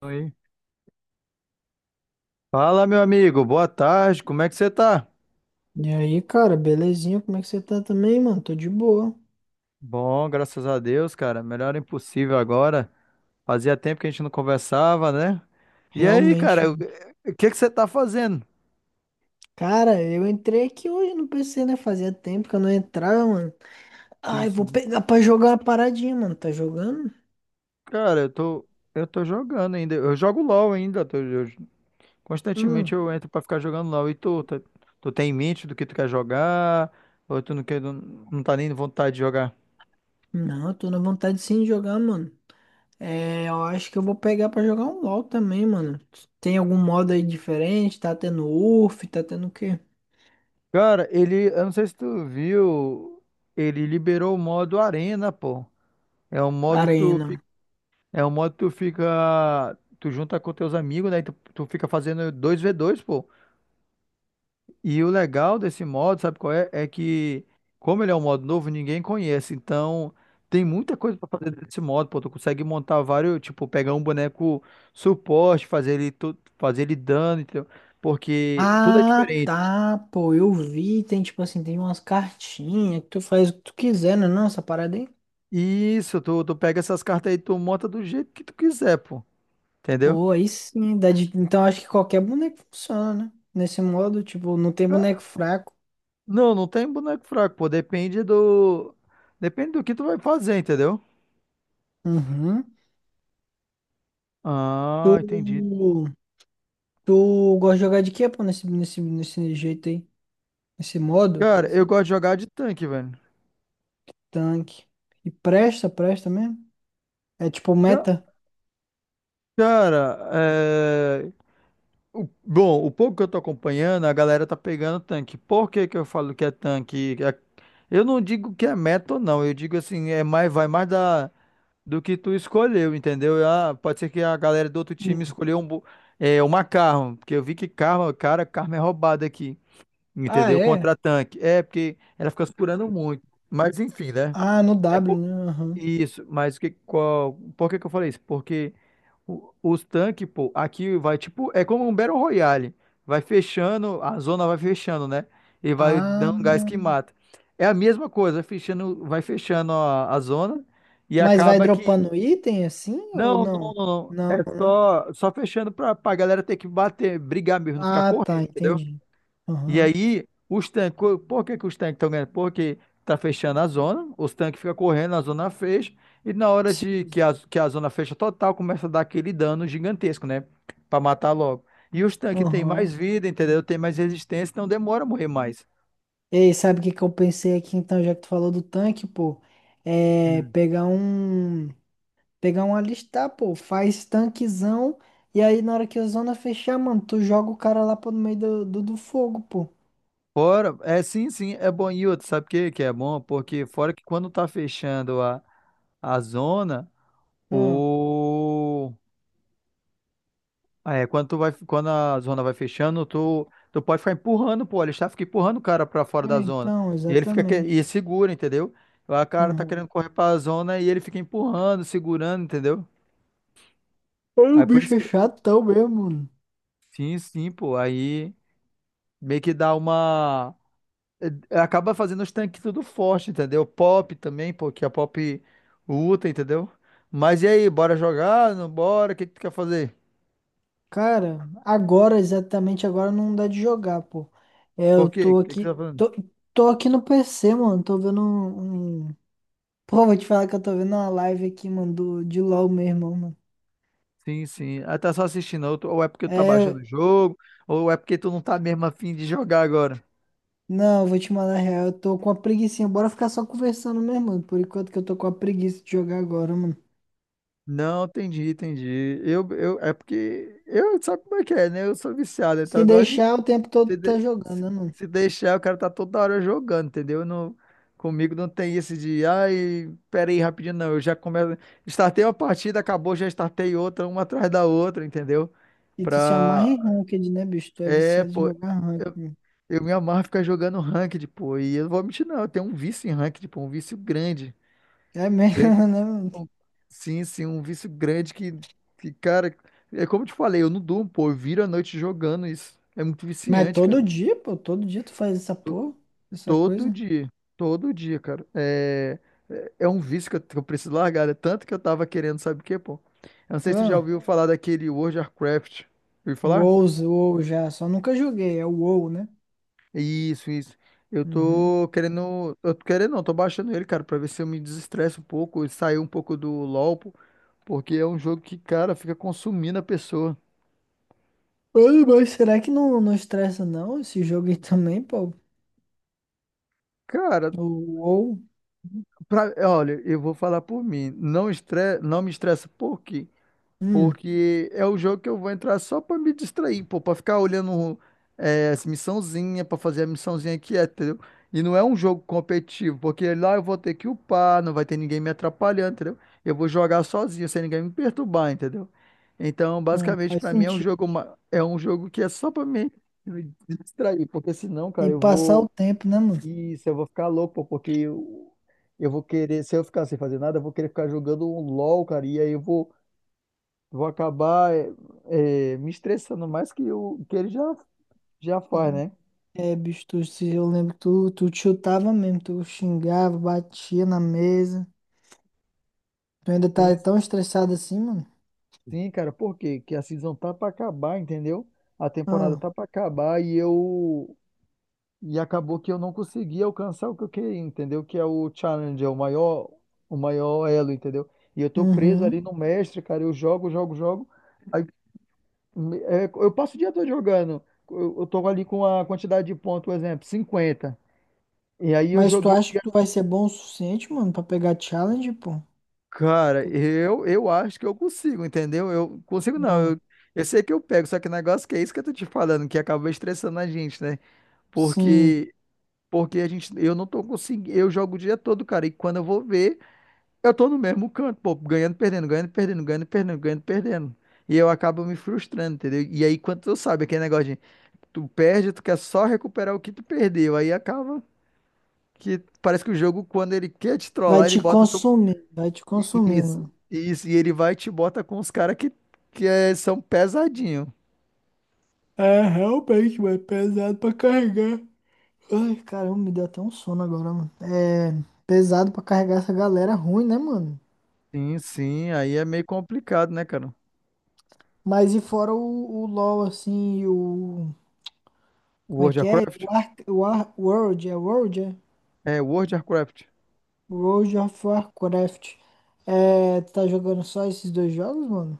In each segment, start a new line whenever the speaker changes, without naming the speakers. Oi. Fala, meu amigo, boa tarde, como é que você tá?
E aí, cara, belezinha? Como é que você tá também, mano? Tô de boa.
Bom, graças a Deus, cara, melhor impossível agora. Fazia tempo que a gente não conversava, né? E aí,
Realmente,
cara, o
mano.
o que que você tá fazendo?
Cara, eu entrei aqui hoje no PC, né? Fazia tempo que eu não entrava, mano.
Sim,
Ai, vou
sim.
pegar pra jogar uma paradinha, mano. Tá jogando?
Cara, eu tô jogando ainda, eu jogo LoL ainda, constantemente
Hum.
eu entro pra ficar jogando LoL. E tu tem em mente do que tu quer jogar? Ou tu não quer, não, não tá nem vontade de jogar?
Não, eu tô na vontade sim de jogar, mano. É, eu acho que eu vou pegar pra jogar um LoL também, mano. Tem algum modo aí diferente? Tá tendo URF? Tá tendo o quê?
Cara, ele, eu não sei se tu viu, ele liberou o modo Arena, pô. É um modo que tu fica,
Arena.
é um modo que tu fica, tu junta com teus amigos, né? E tu fica fazendo 2v2, pô. E o legal desse modo, sabe qual é? É que, como ele é um modo novo, ninguém conhece. Então, tem muita coisa pra fazer desse modo, pô. Tu consegue montar vários, tipo, pegar um boneco suporte, fazer ele dano, entendeu? Porque tudo é
Ah,
diferente.
tá, pô, eu vi, tem tipo assim, tem umas cartinhas que tu faz o que tu quiser, né? Não, essa parada aí.
Isso, tu pega essas cartas aí, tu monta do jeito que tu quiser, pô. Entendeu?
Pô, aí sim, dá de- então acho que qualquer boneco funciona, né? Nesse modo, tipo, não tem boneco fraco.
Não, não tem boneco fraco, pô. Depende do que tu vai fazer, entendeu?
Uhum. Tu,
Ah, entendi.
tu gosta de jogar de quê, pô, nesse jeito aí? Nesse modo, quer
Cara, eu
dizer,
gosto de jogar de tanque, velho.
tanque. E presta mesmo? É tipo
Ca-
meta?
Cara, bom, o pouco que eu tô acompanhando, a galera tá pegando tanque. Por que que eu falo que é tanque? Eu não digo que é meta ou não, eu digo assim, é mais, vai mais do que tu escolheu, entendeu? Ah, pode ser que a galera do outro time
Hum.
escolheu um, uma Karma, porque eu vi que Karma, cara, Karma é roubada aqui.
Ah,
Entendeu?
é?
Contra-tanque. É, porque ela fica segurando muito. Mas enfim, né?
Ah, no
É
W,
por-
né? Aham.
Isso, mas por que que eu falei isso? Porque os tanques, pô, aqui vai tipo. É como um Battle Royale. Vai fechando, a zona vai fechando, né? E vai
Ah,
dando gás que mata. É a mesma coisa, fechando, vai fechando a zona e
mas vai
acaba que.
dropando item assim ou
Não, não,
não?
não, não.
Não,
É
né?
só fechando pra galera ter que bater, brigar mesmo, não ficar
Ah, tá,
correndo, entendeu?
entendi.
E
Aham.
aí, os tanques, por que que os tanques estão ganhando? Porque tá fechando a zona, os tanques ficam correndo, a zona fecha, e na hora de
Sim.
que a zona fecha total, começa a dar aquele dano gigantesco, né? Pra matar logo. E os tanques têm mais
Aham.
vida, entendeu? Tem mais resistência, então demora a morrer mais.
Ei, sabe o que que eu pensei aqui então, já que tu falou do tanque, pô? É
Hum.
pegar um. Pegar um alistar, pô. Faz tanquezão. E aí, na hora que a zona fechar, mano, tu joga o cara lá pro meio do fogo, pô.
Fora, é, sim, sim, é bom. E outro, sabe o que que é bom? Porque fora que, quando tá fechando a zona,
Ah,
o... ah, é, quando quando a zona vai fechando, tu pode ficar empurrando, pô, ele está fica empurrando o cara pra fora da
é,
zona.
então,
E ele fica e
exatamente.
segura, entendeu? Lá o cara tá querendo
Aham.
correr pra zona e ele fica empurrando, segurando, entendeu?
Aí o
Aí por isso
bicho é
que,
chatão mesmo, mano.
sim, sim, pô, aí meio que dá uma, acaba fazendo os tanques tudo forte, entendeu? Pop também, pô, que a Pop luta, entendeu? Mas e aí, bora jogar? Não bora? O que que tu quer fazer?
Cara, agora, exatamente agora, não dá de jogar, pô. É,
Por
eu
quê? O
tô
que que você
aqui.
tá falando?
Tô aqui no PC, mano. Tô vendo um Pô, vou te falar que eu tô vendo uma live aqui, mano, do, de LOL mesmo, mano.
Sim, sim. Ah, tá só assistindo, ou é porque tu tá baixando
É,
o jogo, ou é porque tu não tá mesmo afim de jogar agora.
não, vou te mandar real, eu tô com uma preguicinha. Bora ficar só conversando mesmo, mano. Por enquanto que eu tô com a preguiça de jogar agora, mano.
Não, entendi, entendi. É porque eu, sabe como é que é, né? Eu sou viciado, então
Se
eu gosto de
deixar, o tempo todo tu
se,
tá
de-
jogando,
se-
né, mano?
se deixar, o cara tá toda hora jogando, entendeu? Eu Não, comigo não tem esse de, ai, pera aí, rapidinho, não. Eu já começo, startei uma partida, acabou, já startei outra, uma atrás da outra, entendeu?
E tu se amarra
Pra,
em ranked, né, bicho? Tu é viciado em
Pô,
jogar ranked, mano.
eu me amarro ficar jogando ranked, pô. E eu não vou mentir, não. Eu tenho um vício em ranked, pô. Um vício grande.
É mesmo,
Grande?
né, mano?
Um- Sim, sim. Um vício grande que, cara. É como eu te falei, eu não durmo, pô. Eu viro a noite jogando isso. É muito
Mas
viciante,
todo
cara.
dia, pô, todo dia tu faz essa
To-
porra, essa
Todo
coisa.
dia. Todo dia, cara. É um vício que eu preciso largar. É tanto que eu tava querendo, sabe o quê, pô? Eu não sei se tu já
Ah,
ouviu falar daquele World of Warcraft. Ouviu falar?
WoWs, WoW já, só nunca joguei, é o WoW, né?
Isso, isso. Eu
Uhum.
tô querendo. Eu tô querendo, não, tô baixando ele, cara, pra ver se eu me desestresso um pouco e sair um pouco do LoL, pô, porque é um jogo que, cara, fica consumindo a pessoa.
Ai mas será que não, não estressa não esse jogo aí também, pô?
Cara,
Ou-
olha, eu vou falar por mim. Não, não me estressa por quê?
hum,
Porque é o jogo que eu vou entrar só pra me distrair, pô, pra ficar olhando as missãozinha, pra fazer a missãozinha aqui, entendeu? E não é um jogo competitivo, porque lá eu vou ter que upar, não vai ter ninguém me atrapalhando, entendeu? Eu vou jogar sozinho, sem ninguém me perturbar, entendeu? Então, basicamente,
faz
pra mim é um
sentido.
jogo, é um jogo que é só pra me distrair, porque senão, cara,
E
eu
passar o
vou,
tempo, né, mano?
isso, eu vou ficar louco, pô, porque eu vou querer, se eu ficar sem fazer nada, eu vou querer ficar jogando um LOL, cara, e aí eu vou Vou acabar, me estressando mais que o que ele já faz,
Hum,
né?
É, bicho, tu, se eu lembro que tu, tu te chutava mesmo, tu xingava, batia na mesa. Tu ainda
Sim,
tá tão estressado assim, mano?
sim, cara, por quê? Que a season tá pra acabar, entendeu? A temporada
Ah,
tá pra acabar e eu. E acabou que eu não consegui alcançar o que eu queria, entendeu? Que é o challenge, o maior elo, entendeu? E eu tô preso ali
uhum.
no mestre, cara. Eu jogo, jogo, jogo. Aí, eu passo o dia todo jogando. Eu tô ali com a quantidade de pontos, por exemplo, 50. E aí eu
Mas tu
joguei.
acha que tu vai ser bom o suficiente, mano, pra pegar challenge, pô?
Cara, eu acho que eu consigo, entendeu? Eu consigo não,
Não,
eu sei que eu pego, só que o negócio que é isso que eu tô te falando, que acaba estressando a gente, né?
sim.
Porque porque a gente, eu não tô conseguindo, eu jogo o dia todo, cara, e quando eu vou ver, eu tô no mesmo canto, pô, ganhando, perdendo, ganhando, perdendo, ganhando, perdendo, ganhando, perdendo. E eu acabo me frustrando, entendeu? E aí, quando tu sabe aquele negócio de tu perde, tu quer só recuperar o que tu perdeu, aí acaba que parece que o jogo, quando ele quer te
Vai
trollar, ele
te
bota tu,
consumir, vai te
isso,
consumindo.
isso, e ele vai e te bota com os caras que são pesadinho.
É, realmente, mano, é pesado pra carregar. Ai, caramba, me deu até um sono agora, mano. É pesado pra carregar essa galera ruim, né, mano?
Sim, sim, aí é meio complicado, né, cara?
Mas e fora o LoL, assim, e o. Como é
World
que
of
é?
Warcraft?
O Ark, o Ar, World, é World, é?
É, World of Warcraft.
World of Warcraft. É, tu tá jogando só esses dois jogos, mano?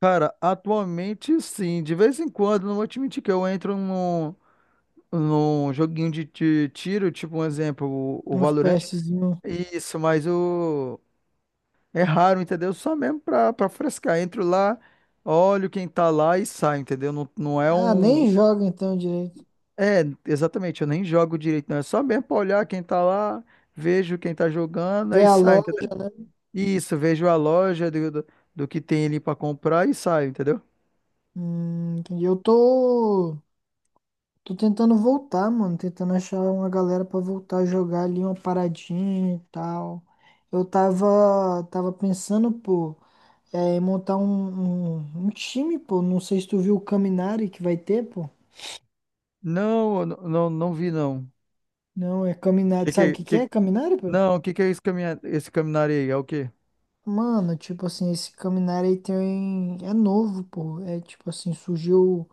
Cara, atualmente sim, de vez em quando, não vou te mentir que eu entro num joguinho de tiro, tipo um exemplo, o
Um
Valorant.
FPSzinho.
Isso, mas é raro, entendeu? Só mesmo pra frescar. Entro lá, olho quem tá lá e saio, entendeu? Não, não é
Ah,
um.
nem joga então direito.
É, exatamente, eu nem jogo direito, não. É só mesmo pra olhar quem tá lá, vejo quem tá jogando, aí
VA
saio,
LoL.
entendeu? Isso, vejo a loja do que tem ali pra comprar e saio, entendeu?
Entendi. Eu tô. Tô tentando voltar, mano. Tentando achar uma galera pra voltar a jogar ali uma paradinha e tal. Eu tava pensando, pô, é, em montar um time, pô. Não sei se tu viu o Caminari que vai ter, pô.
Não, eu não, não vi, não.
Não, é
Que
Caminari. Sabe o
que,
que que
que,
é Caminari, pô?
não, o que que é esse caminhar aí? É o quê?
Mano, tipo assim, esse Caminari aí tem, é novo, pô. É tipo assim, surgiu.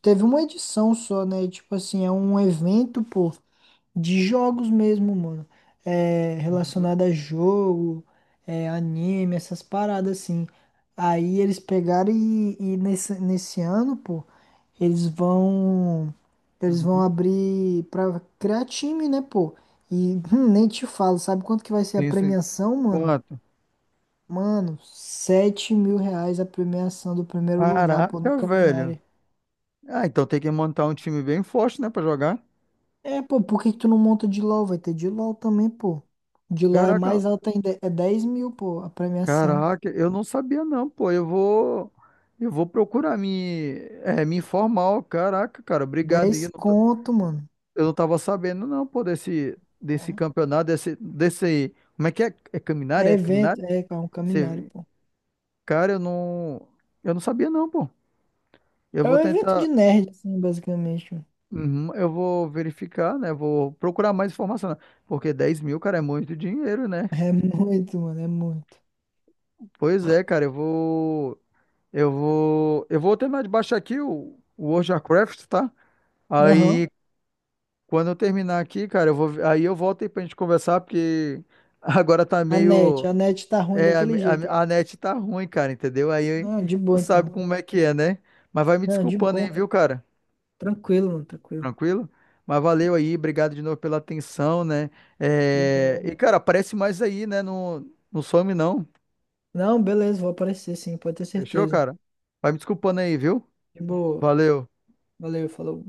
Teve uma edição só, né? E, tipo assim, é um evento, pô. De jogos mesmo, mano. É,
Uhum,
relacionado a jogo, é, anime, essas paradas assim. Aí eles pegaram e nesse ano, pô, eles vão. Eles vão
uhum.
abrir pra criar time, né, pô? E nem te falo, sabe quanto que vai ser a
Sim, sim.
premiação, mano?
Quanto?
Mano, R$ 7.000 a premiação do primeiro lugar, pô, no
Caraca, velho.
Caminari.
Ah, então tem que montar um time bem forte, né, pra jogar.
É, pô, por que que tu não monta de LOL? Vai ter de LOL também, pô. De LOL é
Caraca,
mais alta ainda, é 10 mil, pô, a premiação.
Caraca, eu não sabia não, pô. Eu vou procurar me informar, ó. Caraca, cara, obrigado aí.
10
Eu não, tô-
conto, mano.
eu não tava sabendo não, pô, desse
É
campeonato, como é que é? É caminhar?
é
É caminhar?
evento, é, é um caminário,
Você,
pô.
cara, eu não sabia não, pô. Eu
É
vou
um evento de
tentar,
nerd, assim, basicamente, mano.
uhum, eu vou verificar, né? Vou procurar mais informação, né? Porque 10.000, cara, é muito dinheiro, né?
É muito, mano, é muito.
Pois é, cara, eu vou terminar de baixar aqui o World of Warcraft, tá?
Aham.
Aí, quando eu terminar aqui, cara, aí eu volto aí pra gente conversar, porque agora tá meio,
A net tá ruim
é, a,
daquele jeito
a, a
ainda.
net tá ruim, cara, entendeu? Aí
Não, de
tu
boa
sabe
então.
como é que é, né? Mas vai me
Não, de
desculpando aí,
boa.
viu, cara?
Tranquilo, mano, tranquilo.
Tranquilo? Mas valeu aí, obrigado de novo pela atenção, né?
De
É,
boa.
e, cara, aparece mais aí, né? Não, não some, não.
Não, beleza, vou aparecer sim, pode ter
Fechou,
certeza.
cara? Vai me desculpando aí, viu?
De boa.
Valeu.
Valeu, falou.